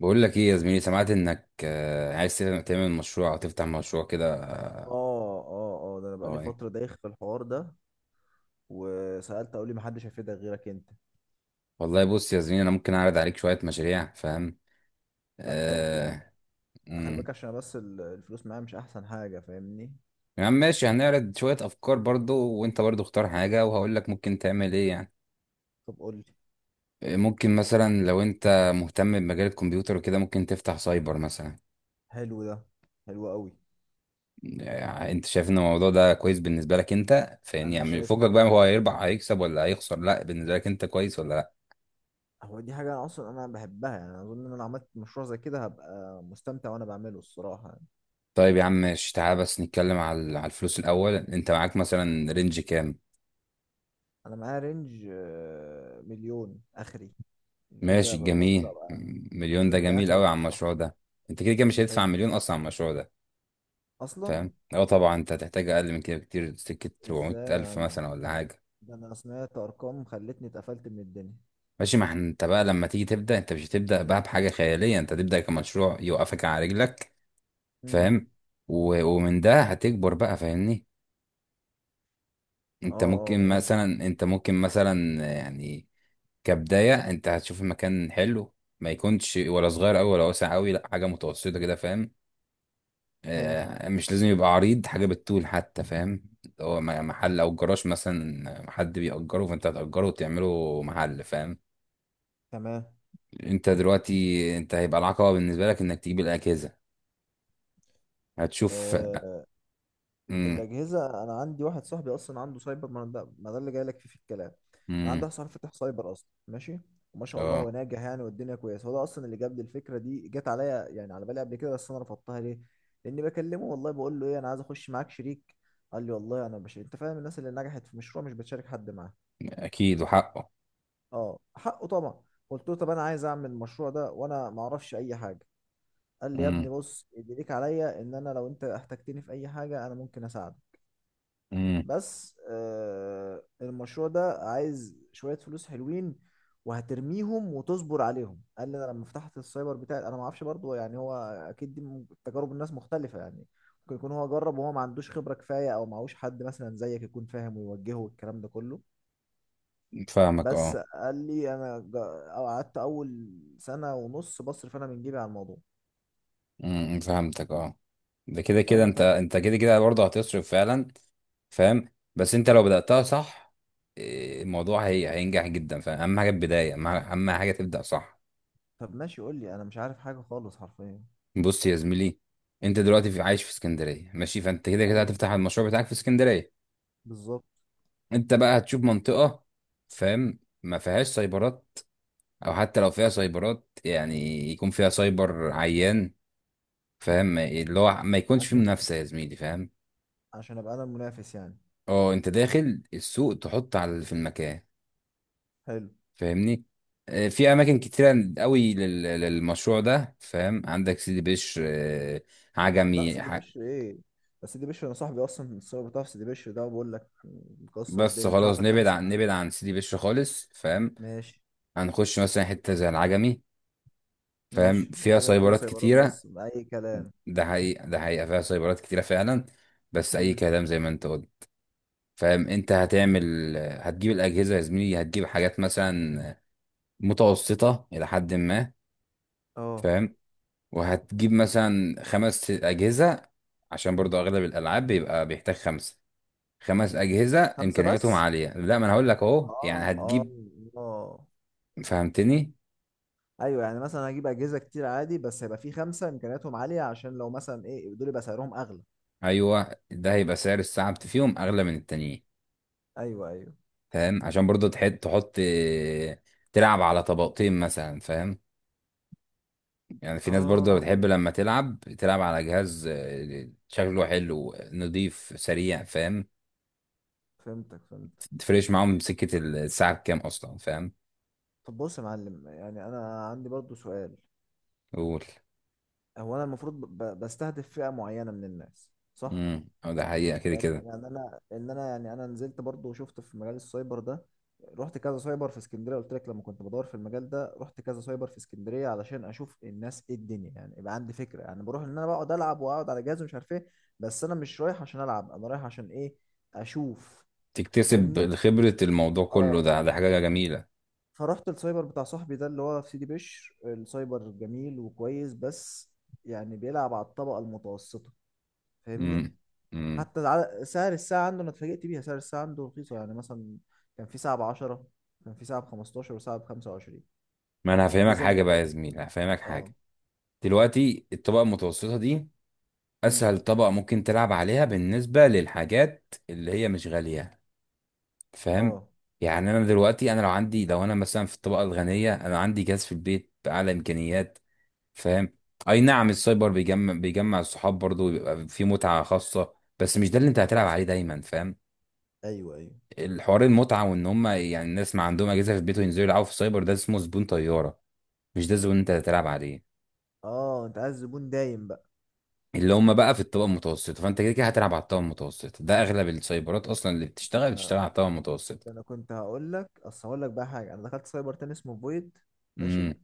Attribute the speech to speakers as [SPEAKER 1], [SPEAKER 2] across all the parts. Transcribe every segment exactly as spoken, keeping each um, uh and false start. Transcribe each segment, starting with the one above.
[SPEAKER 1] بقول لك ايه يا زميلي؟ سمعت انك آه، عايز تعمل تعمل مشروع او تفتح مشروع كده آه،
[SPEAKER 2] اه اه اه ده انا
[SPEAKER 1] هو
[SPEAKER 2] بقالي
[SPEAKER 1] ايه؟
[SPEAKER 2] فترة دايخ في الحوار ده. وسألت اقول لي، محدش هيفيدك غيرك انت.
[SPEAKER 1] والله بص يا زميلي، انا ممكن اعرض عليك شويه مشاريع، فاهم.
[SPEAKER 2] لا طب يعني،
[SPEAKER 1] آه.
[SPEAKER 2] خلي
[SPEAKER 1] امم
[SPEAKER 2] بالك عشان أنا بس ال- الفلوس معايا مش احسن حاجة، فاهمني؟
[SPEAKER 1] يا عم ماشي، هنعرض شويه افكار برضو، وانت برضو اختار حاجه وهقول لك ممكن تعمل ايه يعني.
[SPEAKER 2] طب قول لي.
[SPEAKER 1] آه، ممكن مثلا لو انت مهتم بمجال الكمبيوتر وكده ممكن تفتح سايبر مثلا.
[SPEAKER 2] حلو ده، حلو قوي.
[SPEAKER 1] آه، انت شايف ان الموضوع ده كويس بالنسبه لك انت، فاهمني؟
[SPEAKER 2] انا
[SPEAKER 1] يعني
[SPEAKER 2] شايف
[SPEAKER 1] فوقك بقى، هو هيربح هيكسب ولا هيخسر؟ لا، بالنسبه لك انت كويس ولا لا؟
[SPEAKER 2] هو دي حاجة انا اصلا انا بحبها، يعني اظن ان انا لو عملت مشروع زي كده هبقى مستمتع وانا بعمله، الصراحة يعني.
[SPEAKER 1] طيب يا عم ماشي، تعال بس نتكلم على على الفلوس الأول. أنت معاك مثلا رينج كام؟
[SPEAKER 2] انا معايا رينج آه، مليون اخري. مليون ده
[SPEAKER 1] ماشي
[SPEAKER 2] بص
[SPEAKER 1] جميل.
[SPEAKER 2] ابقى
[SPEAKER 1] مليون ده
[SPEAKER 2] جبت
[SPEAKER 1] جميل
[SPEAKER 2] اخري
[SPEAKER 1] أوي على
[SPEAKER 2] خالص
[SPEAKER 1] المشروع
[SPEAKER 2] شحر.
[SPEAKER 1] ده. أنت كده كده مش هتدفع
[SPEAKER 2] حلو
[SPEAKER 1] مليون أصلا على المشروع ده.
[SPEAKER 2] اصلا.
[SPEAKER 1] فاهم؟ أه طبعا، أنت هتحتاج أقل من كده بكتير، سكة أربعمائة
[SPEAKER 2] ازاي يا
[SPEAKER 1] ألف
[SPEAKER 2] عم؟
[SPEAKER 1] مثلا ولا حاجة.
[SPEAKER 2] ده انا سمعت ارقام خلتني اتقفلت من الدنيا.
[SPEAKER 1] ماشي. ما إحنا- أنت بقى لما تيجي تبدأ، أنت مش هتبدأ بقى بحاجة خيالية، أنت هتبدأ كمشروع يوقفك على رجلك.
[SPEAKER 2] امم،
[SPEAKER 1] فاهم؟ و- ومن ده هتكبر بقى، فاهمني؟
[SPEAKER 2] اه
[SPEAKER 1] أنت
[SPEAKER 2] اه،
[SPEAKER 1] ممكن
[SPEAKER 2] فهمت.
[SPEAKER 1] مثلا أنت ممكن مثلا يعني. كبداية انت هتشوف المكان حلو، ما يكونش ولا صغير قوي ولا واسع قوي، لا حاجة متوسطة كده، فاهم.
[SPEAKER 2] حلو،
[SPEAKER 1] آه، مش لازم يبقى عريض، حاجة بالطول حتى، فاهم. اللي هو م- محل او جراج مثلا حد بيأجره، فانت هتأجره وتعمله محل، فاهم.
[SPEAKER 2] تمام.
[SPEAKER 1] انت دلوقتي انت هيبقى العقبة بالنسبة لك انك تجيب الأجهزة. هتشوف.
[SPEAKER 2] آه
[SPEAKER 1] امم.
[SPEAKER 2] الاجهزه انا عندي واحد صاحبي اصلا عنده سايبر، ما ده ما ده اللي جاي لك فيه في الكلام. انا عندي
[SPEAKER 1] امم.
[SPEAKER 2] واحد صاحبي فاتح سايبر اصلا، ماشي؟ وما شاء الله هو
[SPEAKER 1] اه.
[SPEAKER 2] ناجح يعني، والدنيا كويسه. هو ده اصلا اللي جاب لي الفكره دي، جت عليا يعني على بالي قبل كده بس انا رفضتها. ليه؟ لاني بكلمه، والله بقول له ايه، انا عايز اخش معاك شريك. قال لي والله انا مش، انت فاهم، الناس اللي نجحت في مشروع مش بتشارك حد معاه.
[SPEAKER 1] اكيد وحقه.
[SPEAKER 2] اه حقه طبعا. قلت له طب انا عايز اعمل المشروع ده وانا ما اعرفش اي حاجه. قال لي يا ابني
[SPEAKER 1] امم.
[SPEAKER 2] بص، اللي ليك عليا ان انا لو انت احتجتني في اي حاجه انا ممكن اساعدك.
[SPEAKER 1] امم.
[SPEAKER 2] بس آه، المشروع ده عايز شويه فلوس حلوين وهترميهم وتصبر عليهم. قال لي انا لما فتحت السايبر بتاعي انا ما اعرفش برضه يعني، هو اكيد دي م- تجارب الناس مختلفه يعني، ممكن يكون هو جرب وهو ما عندوش خبره كفايه، او معهوش حد مثلا زيك يكون فاهم ويوجهه والكلام ده كله.
[SPEAKER 1] فاهمك،
[SPEAKER 2] بس
[SPEAKER 1] اه.
[SPEAKER 2] قال لي انا جا- أو قعدت اول سنه ونص بصرف انا من جيبي على الموضوع،
[SPEAKER 1] امم. امم، فهمتك اه. ده كده كده
[SPEAKER 2] فاهم؟ ف-
[SPEAKER 1] انت انت كده كده برضه هتصرف فعلا، فاهم. بس انت لو بدأتها صح، إيه، الموضوع هي هينجح جدا، فاهم. حاجه البدايه اهم، أهم حاجه تبدأ صح.
[SPEAKER 2] طب ماشي قول لي، انا مش عارف حاجه خالص حرفيا.
[SPEAKER 1] بص يا زميلي، انت دلوقتي في عايش في اسكندريه، ماشي، فانت كده كده
[SPEAKER 2] ايوه
[SPEAKER 1] هتفتح المشروع بتاعك في اسكندريه.
[SPEAKER 2] بالظبط.
[SPEAKER 1] انت بقى هتشوف منطقه، فاهم، ما فيهاش سايبرات، او حتى لو فيها سايبرات يعني يكون فيها سايبر عيان، فاهم. اللي هو ما يكونش فيه
[SPEAKER 2] عشان
[SPEAKER 1] منافسه يا زميلي، فاهم.
[SPEAKER 2] عشان ابقى انا المنافس يعني.
[SPEAKER 1] اه، انت داخل السوق تحط على اللي في المكان،
[SPEAKER 2] حلو.
[SPEAKER 1] فاهمني. آه، في اماكن كتيره قوي لل- للمشروع ده، فاهم. عندك سيدي بشر آه،
[SPEAKER 2] لا
[SPEAKER 1] عجمي
[SPEAKER 2] سيدي
[SPEAKER 1] ح-
[SPEAKER 2] بشر ايه، بس سيدي بشر انا صاحبي اصلا الصور بتاع سيدي بشر ده، بقول لك مكسر
[SPEAKER 1] بس
[SPEAKER 2] الدنيا، مش
[SPEAKER 1] خلاص
[SPEAKER 2] عارف
[SPEAKER 1] نبعد
[SPEAKER 2] اتنافس
[SPEAKER 1] عن
[SPEAKER 2] معاه.
[SPEAKER 1] نبعد عن سيدي بشر خالص، فاهم.
[SPEAKER 2] ماشي.
[SPEAKER 1] هنخش مثلا حته زي العجمي، فاهم،
[SPEAKER 2] ماشي،
[SPEAKER 1] فيها
[SPEAKER 2] الحاجه فيها
[SPEAKER 1] سايبرات
[SPEAKER 2] سيبرات
[SPEAKER 1] كتيره.
[SPEAKER 2] بس اي كلام.
[SPEAKER 1] ده حقيقه، ده حقيقه فيها سايبرات كتيره فعلا، بس اي
[SPEAKER 2] امم.
[SPEAKER 1] كلام زي ما انت قلت. فاهم، انت هتعمل هتجيب الاجهزه يا زميلي، هتجيب حاجات مثلا متوسطه الى حد ما،
[SPEAKER 2] اه.
[SPEAKER 1] فاهم. وهتجيب مثلا خمس أجهزة، عشان برضو أغلب الألعاب بيبقى بيحتاج خمسة. خمس أجهزة
[SPEAKER 2] خمسه
[SPEAKER 1] إمكانياتهم
[SPEAKER 2] بس،
[SPEAKER 1] عالية، لا ما أنا هقول لك
[SPEAKER 2] اه
[SPEAKER 1] أهو يعني
[SPEAKER 2] اه
[SPEAKER 1] هتجيب.
[SPEAKER 2] اه.
[SPEAKER 1] فهمتني.
[SPEAKER 2] ايوه يعني، مثلا هجيب اجهزه كتير عادي بس هيبقى في خمسه امكانياتهم عاليه، عشان لو مثلا ايه دول يبقى سعرهم اغلى.
[SPEAKER 1] أيوه، ده هيبقى سعر الساعة بت- فيهم أغلى من التانيين،
[SPEAKER 2] ايوه ايوه.
[SPEAKER 1] فاهم، عشان برضو تحط تحط آه، تلعب على طبقتين مثلا، فاهم. يعني في ناس برضو
[SPEAKER 2] اه،
[SPEAKER 1] بتحب لما تلعب تلعب على جهاز آه، شكله حلو نضيف سريع، فاهم.
[SPEAKER 2] فهمتك فهمتك.
[SPEAKER 1] تفرقش معاهم سكة الساعة بكام أصلا، فاهم.
[SPEAKER 2] طب بص يا معلم، يعني انا عندي برضو سؤال.
[SPEAKER 1] قول.
[SPEAKER 2] هو انا المفروض ب- بستهدف فئه معينه من الناس، صح؟
[SPEAKER 1] امم ده حقيقة كده
[SPEAKER 2] لان
[SPEAKER 1] كده.
[SPEAKER 2] يعني انا، ان انا يعني انا نزلت برضو وشفت في مجال السايبر ده، رحت كذا سايبر في اسكندريه. قلت لك لما كنت بدور في المجال ده، رحت كذا سايبر في اسكندريه علشان اشوف الناس ايه الدنيا، يعني يبقى عندي فكره. يعني بروح ان انا بقعد العب واقعد على جهاز ومش عارف ايه، بس انا مش رايح عشان العب، انا رايح عشان ايه؟ اشوف، فاهمني.
[SPEAKER 1] تكتسب خبرة، الموضوع كله
[SPEAKER 2] اه.
[SPEAKER 1] ده، ده حاجة جميلة.
[SPEAKER 2] فرحت السايبر بتاع صاحبي ده اللي هو في سيدي بشر، السايبر جميل وكويس بس يعني بيلعب على الطبقه المتوسطه، فاهمني.
[SPEAKER 1] امم. امم.
[SPEAKER 2] حتى الع- سعر الساعة عنده أنا اتفاجئت بيها، سعر الساعة عنده رخيصة، يعني مثلا كان في ساعة بعشرة، كان في ساعة بخمستاشر، وساعة بخمسة وعشرين.
[SPEAKER 1] ما انا هفهمك
[SPEAKER 2] الأجهزة اللي
[SPEAKER 1] حاجة بقى
[SPEAKER 2] كانت،
[SPEAKER 1] يا زميلي، هفهمك
[SPEAKER 2] اه.
[SPEAKER 1] حاجة. دلوقتي الطبقة المتوسطة دي
[SPEAKER 2] امم.
[SPEAKER 1] اسهل طبقة ممكن تلعب عليها بالنسبة للحاجات اللي هي مش غالية، فاهم.
[SPEAKER 2] اه.
[SPEAKER 1] يعني انا دلوقتي انا لو عندي لو انا مثلا في الطبقة الغنية، انا عندي جهاز في البيت بأعلى امكانيات، فاهم. اي نعم السايبر بيجمع بيجمع الصحاب برضه ويبقى في متعة خاصة، بس مش ده اللي انت هتلعب
[SPEAKER 2] حصل،
[SPEAKER 1] عليه دايما، فاهم.
[SPEAKER 2] أيوه أيوه.
[SPEAKER 1] الحوار المتعه، وان هم يعني الناس ما عندهم اجهزه في البيت وينزلوا يلعبوا في السايبر، ده اسمه زبون طياره، مش ده زبون انت هتلعب عليه.
[SPEAKER 2] اه، أنت عايز زبون دايم بقى.
[SPEAKER 1] اللي هم بقى في الطبقه المتوسطه، فانت كده كده هتلعب على الطبقه المتوسطه، ده اغلب السايبرات اصلا اللي بتشتغل
[SPEAKER 2] أنا
[SPEAKER 1] بتشتغل على الطبقه المتوسطه.
[SPEAKER 2] أنا كنت هقول لك، أصل هقول لك بقى حاجة، أنا دخلت سايبر تاني اسمه فويد، ماشي؟
[SPEAKER 1] امم،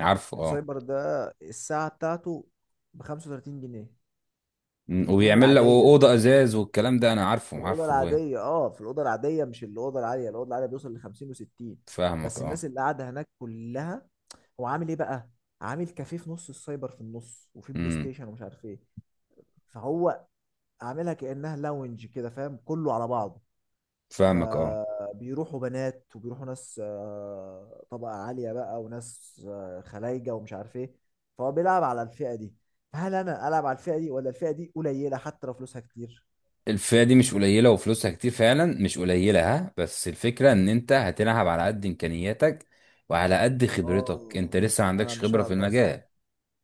[SPEAKER 1] عارفه اه.
[SPEAKER 2] السايبر ده الساعة بتاعته بخمسة وتلاتين جنيه، في
[SPEAKER 1] مم.
[SPEAKER 2] الروم
[SPEAKER 1] وبيعمل لك
[SPEAKER 2] العادية،
[SPEAKER 1] اوضه ازاز والكلام ده، انا
[SPEAKER 2] في
[SPEAKER 1] عارفه
[SPEAKER 2] الاوضه
[SPEAKER 1] عارفه، فاهم.
[SPEAKER 2] العاديه. اه، في الاوضه العاديه، مش الاوضه العاليه، الاوضه العاليه بيوصل ل خمسين و60.
[SPEAKER 1] فاهمك
[SPEAKER 2] بس
[SPEAKER 1] اه.
[SPEAKER 2] الناس اللي قاعده هناك كلها، هو عامل ايه بقى؟ عامل كافيه في نص السايبر، في النص، وفي بلاي
[SPEAKER 1] امم.
[SPEAKER 2] ستيشن ومش عارف ايه. فهو عاملها كانها لاونج كده، فاهم، كله على بعضه.
[SPEAKER 1] فاهمك اه.
[SPEAKER 2] فبيروحوا بنات وبيروحوا ناس آه، طبقه عاليه بقى، وناس آه، خلايجه ومش عارف ايه. فهو بيلعب على الفئه دي، فهل انا العب على الفئه دي، ولا الفئه دي قليله حتى لو فلوسها كتير؟
[SPEAKER 1] الفئة دي مش قليلة وفلوسها كتير فعلا، مش قليلة، ها، بس الفكرة ان انت هتلعب على قد امكانياتك، وعلى قد خبرتك. انت
[SPEAKER 2] اه،
[SPEAKER 1] لسه ما
[SPEAKER 2] انا
[SPEAKER 1] عندكش
[SPEAKER 2] مش
[SPEAKER 1] خبرة في
[SPEAKER 2] هقدر، صح.
[SPEAKER 1] المجال،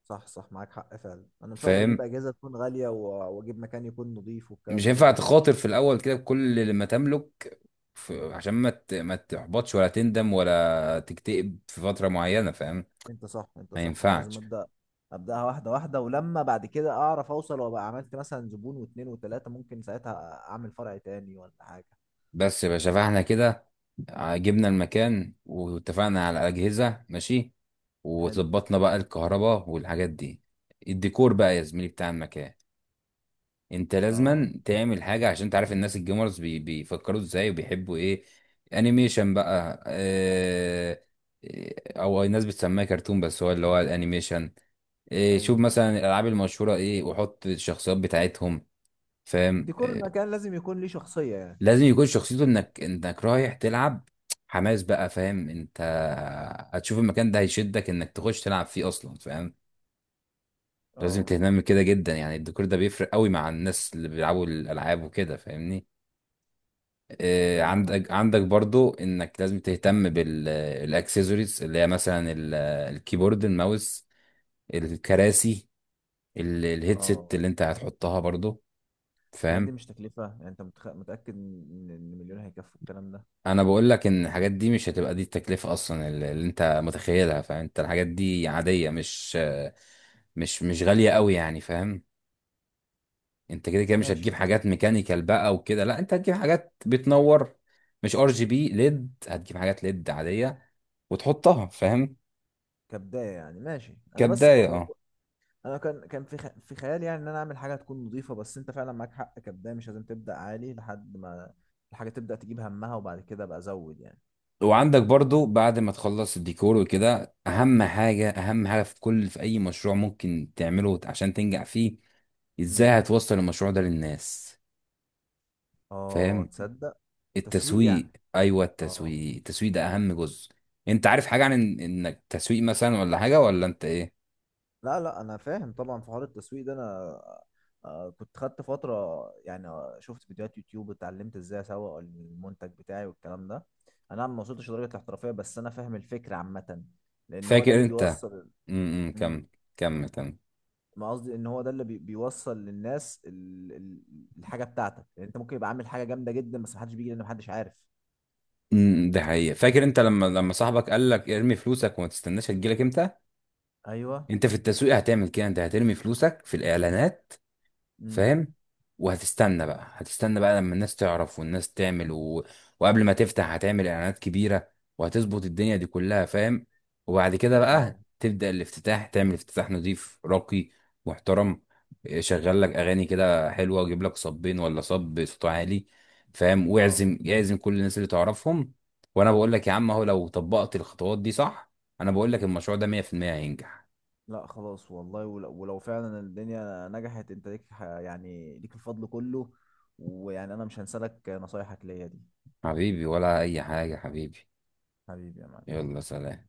[SPEAKER 2] صح صح، معاك حق فعلا، انا مش هقدر اجيب
[SPEAKER 1] فاهم.
[SPEAKER 2] اجهزه تكون غاليه و- واجيب مكان يكون نظيف
[SPEAKER 1] مش
[SPEAKER 2] والكلام ده
[SPEAKER 1] هينفع
[SPEAKER 2] برضه.
[SPEAKER 1] تخاطر في الاول كده بكل اللي ما تملك، ف- عشان ما ت- ما تحبطش ولا تندم ولا تكتئب في فترة معينة، فاهم.
[SPEAKER 2] انت صح، انت
[SPEAKER 1] ما
[SPEAKER 2] صح، انا لازم
[SPEAKER 1] ينفعش.
[SPEAKER 2] ابدا، ابداها واحده واحده، ولما بعد كده اعرف اوصل وابقى عملت مثلا زبون واتنين وتلاته، ممكن ساعتها اعمل فرع تاني ولا حاجه.
[SPEAKER 1] بس يا باشا، فاحنا كده جبنا المكان واتفقنا على الأجهزة ماشي،
[SPEAKER 2] حلو.
[SPEAKER 1] وظبطنا بقى الكهرباء والحاجات دي. الديكور بقى يا زميلي بتاع المكان، انت
[SPEAKER 2] اه.
[SPEAKER 1] لازما تعمل حاجه عشان تعرف الناس الجيمرز بي بيفكروا ازاي وبيحبوا ايه. انيميشن بقى، اه. اه، او الناس بتسميه كرتون، بس هو اللي هو الانيميشن. اه، شوف
[SPEAKER 2] ايوه،
[SPEAKER 1] مثلا الالعاب المشهوره ايه وحط الشخصيات بتاعتهم، فاهم
[SPEAKER 2] ديكور
[SPEAKER 1] اه.
[SPEAKER 2] المكان لازم يكون ليه شخصيه يعني.
[SPEAKER 1] لازم يكون شخصيته، انك انك رايح تلعب، حماس بقى، فاهم. انت هتشوف المكان ده هيشدك انك تخش تلعب فيه اصلا، فاهم. لازم
[SPEAKER 2] اه.
[SPEAKER 1] تهتم كده جدا يعني، الديكور ده بيفرق قوي مع الناس اللي بيلعبوا الالعاب وكده، فاهمني.
[SPEAKER 2] طب
[SPEAKER 1] آه،
[SPEAKER 2] ده انا ه-
[SPEAKER 1] عندك عندك برضو انك لازم تهتم بالاكسسوارز اللي هي مثلا ال- الكيبورد، الماوس، الكراسي، ال- الهيدسيت
[SPEAKER 2] اه،
[SPEAKER 1] اللي انت هتحطها برضو،
[SPEAKER 2] الحاجات دي
[SPEAKER 1] فاهم.
[SPEAKER 2] مش تكلفه يعني؟ انت متخ... متاكد ان إن مليون هيكفوا الكلام ده؟
[SPEAKER 1] انا بقول لك ان الحاجات دي مش هتبقى دي التكلفة اصلا اللي اللي انت متخيلها، فاهم. انت الحاجات دي عادية، مش آه، مش مش غالية قوي يعني، فاهم. انت كده كده مش هتجيب
[SPEAKER 2] ماشي.
[SPEAKER 1] حاجات ميكانيكال بقى وكده، لا انت هتجيب حاجات بتنور، مش ار جي بي ليد، هتجيب حاجات ليد عادية وتحطها، فاهم.
[SPEAKER 2] كبدايه يعني ماشي، انا بس
[SPEAKER 1] كبداية
[SPEAKER 2] م... م-
[SPEAKER 1] اه.
[SPEAKER 2] انا كان كان في خ... في خيالي يعني ان انا اعمل حاجه تكون نظيفه، بس انت فعلا معاك حق، كبدايه مش لازم تبدا عالي، لحد ما الحاجه تبدا تجيب همها، وبعد كده ابقى ازود يعني.
[SPEAKER 1] وعندك برضو بعد ما تخلص الديكور وكده، اهم حاجة، اهم حاجة في كل في اي مشروع ممكن تعمله عشان تنجح فيه، ازاي
[SPEAKER 2] امم.
[SPEAKER 1] هتوصل المشروع ده للناس،
[SPEAKER 2] اه،
[SPEAKER 1] فاهم.
[SPEAKER 2] تصدق. تسويق
[SPEAKER 1] التسويق،
[SPEAKER 2] يعني؟
[SPEAKER 1] ايوه
[SPEAKER 2] اه.
[SPEAKER 1] التسويق التسويق ده اهم جزء. انت عارف حاجة عن إن- انك تسويق مثلا ولا حاجة، ولا انت ايه؟
[SPEAKER 2] لا لا، انا فاهم طبعا، في حوار التسويق ده انا آه كنت خدت فتره يعني، آه، شفت فيديوهات يوتيوب، اتعلمت ازاي اسوق المنتج بتاعي والكلام ده. انا ما وصلتش لدرجه الاحترافيه، بس انا فاهم الفكره عامه، لان هو ده
[SPEAKER 1] فاكر
[SPEAKER 2] اللي
[SPEAKER 1] انت.
[SPEAKER 2] بيوصل.
[SPEAKER 1] امم
[SPEAKER 2] مم.
[SPEAKER 1] كمل كمل كمل.
[SPEAKER 2] ما قصدي ان هو ده اللي بي- بيوصل للناس ال- ال- الحاجه بتاعتك يعني، انت ممكن يبقى عامل حاجه جامده جدا بس محدش بيجي، لان محدش عارف.
[SPEAKER 1] امم ده حقيقة. فاكر انت، لما لما صاحبك قال لك ارمي فلوسك وما تستناش هتجيلك امتى.
[SPEAKER 2] ايوه.
[SPEAKER 1] انت في التسويق هتعمل كده، انت هترمي فلوسك في الاعلانات،
[SPEAKER 2] امم.
[SPEAKER 1] فاهم. وهتستنى بقى هتستنى بقى لما الناس تعرف والناس تعمل و. وقبل ما تفتح هتعمل اعلانات كبيرة، وهتظبط الدنيا دي كلها، فاهم. وبعد كده
[SPEAKER 2] اه.
[SPEAKER 1] بقى تبدأ الافتتاح، تعمل افتتاح نظيف راقي محترم، شغل لك اغاني كده حلوة، وجيب لك صبين ولا صب صوت عالي، فاهم،
[SPEAKER 2] اه.
[SPEAKER 1] واعزم يعزم كل الناس اللي تعرفهم. وانا بقول لك يا عم اهو، لو طبقت الخطوات دي صح، انا بقول لك المشروع ده مية في المية هينجح.
[SPEAKER 2] لا خلاص والله، ولو, ولو فعلا الدنيا نجحت، انت ليك ح- يعني ليك الفضل كله، ويعني انا مش هنسالك نصايحك ليا دي.
[SPEAKER 1] حبيبي، ولا اي حاجة حبيبي.
[SPEAKER 2] حبيبي يا معلم.
[SPEAKER 1] يلا سلام.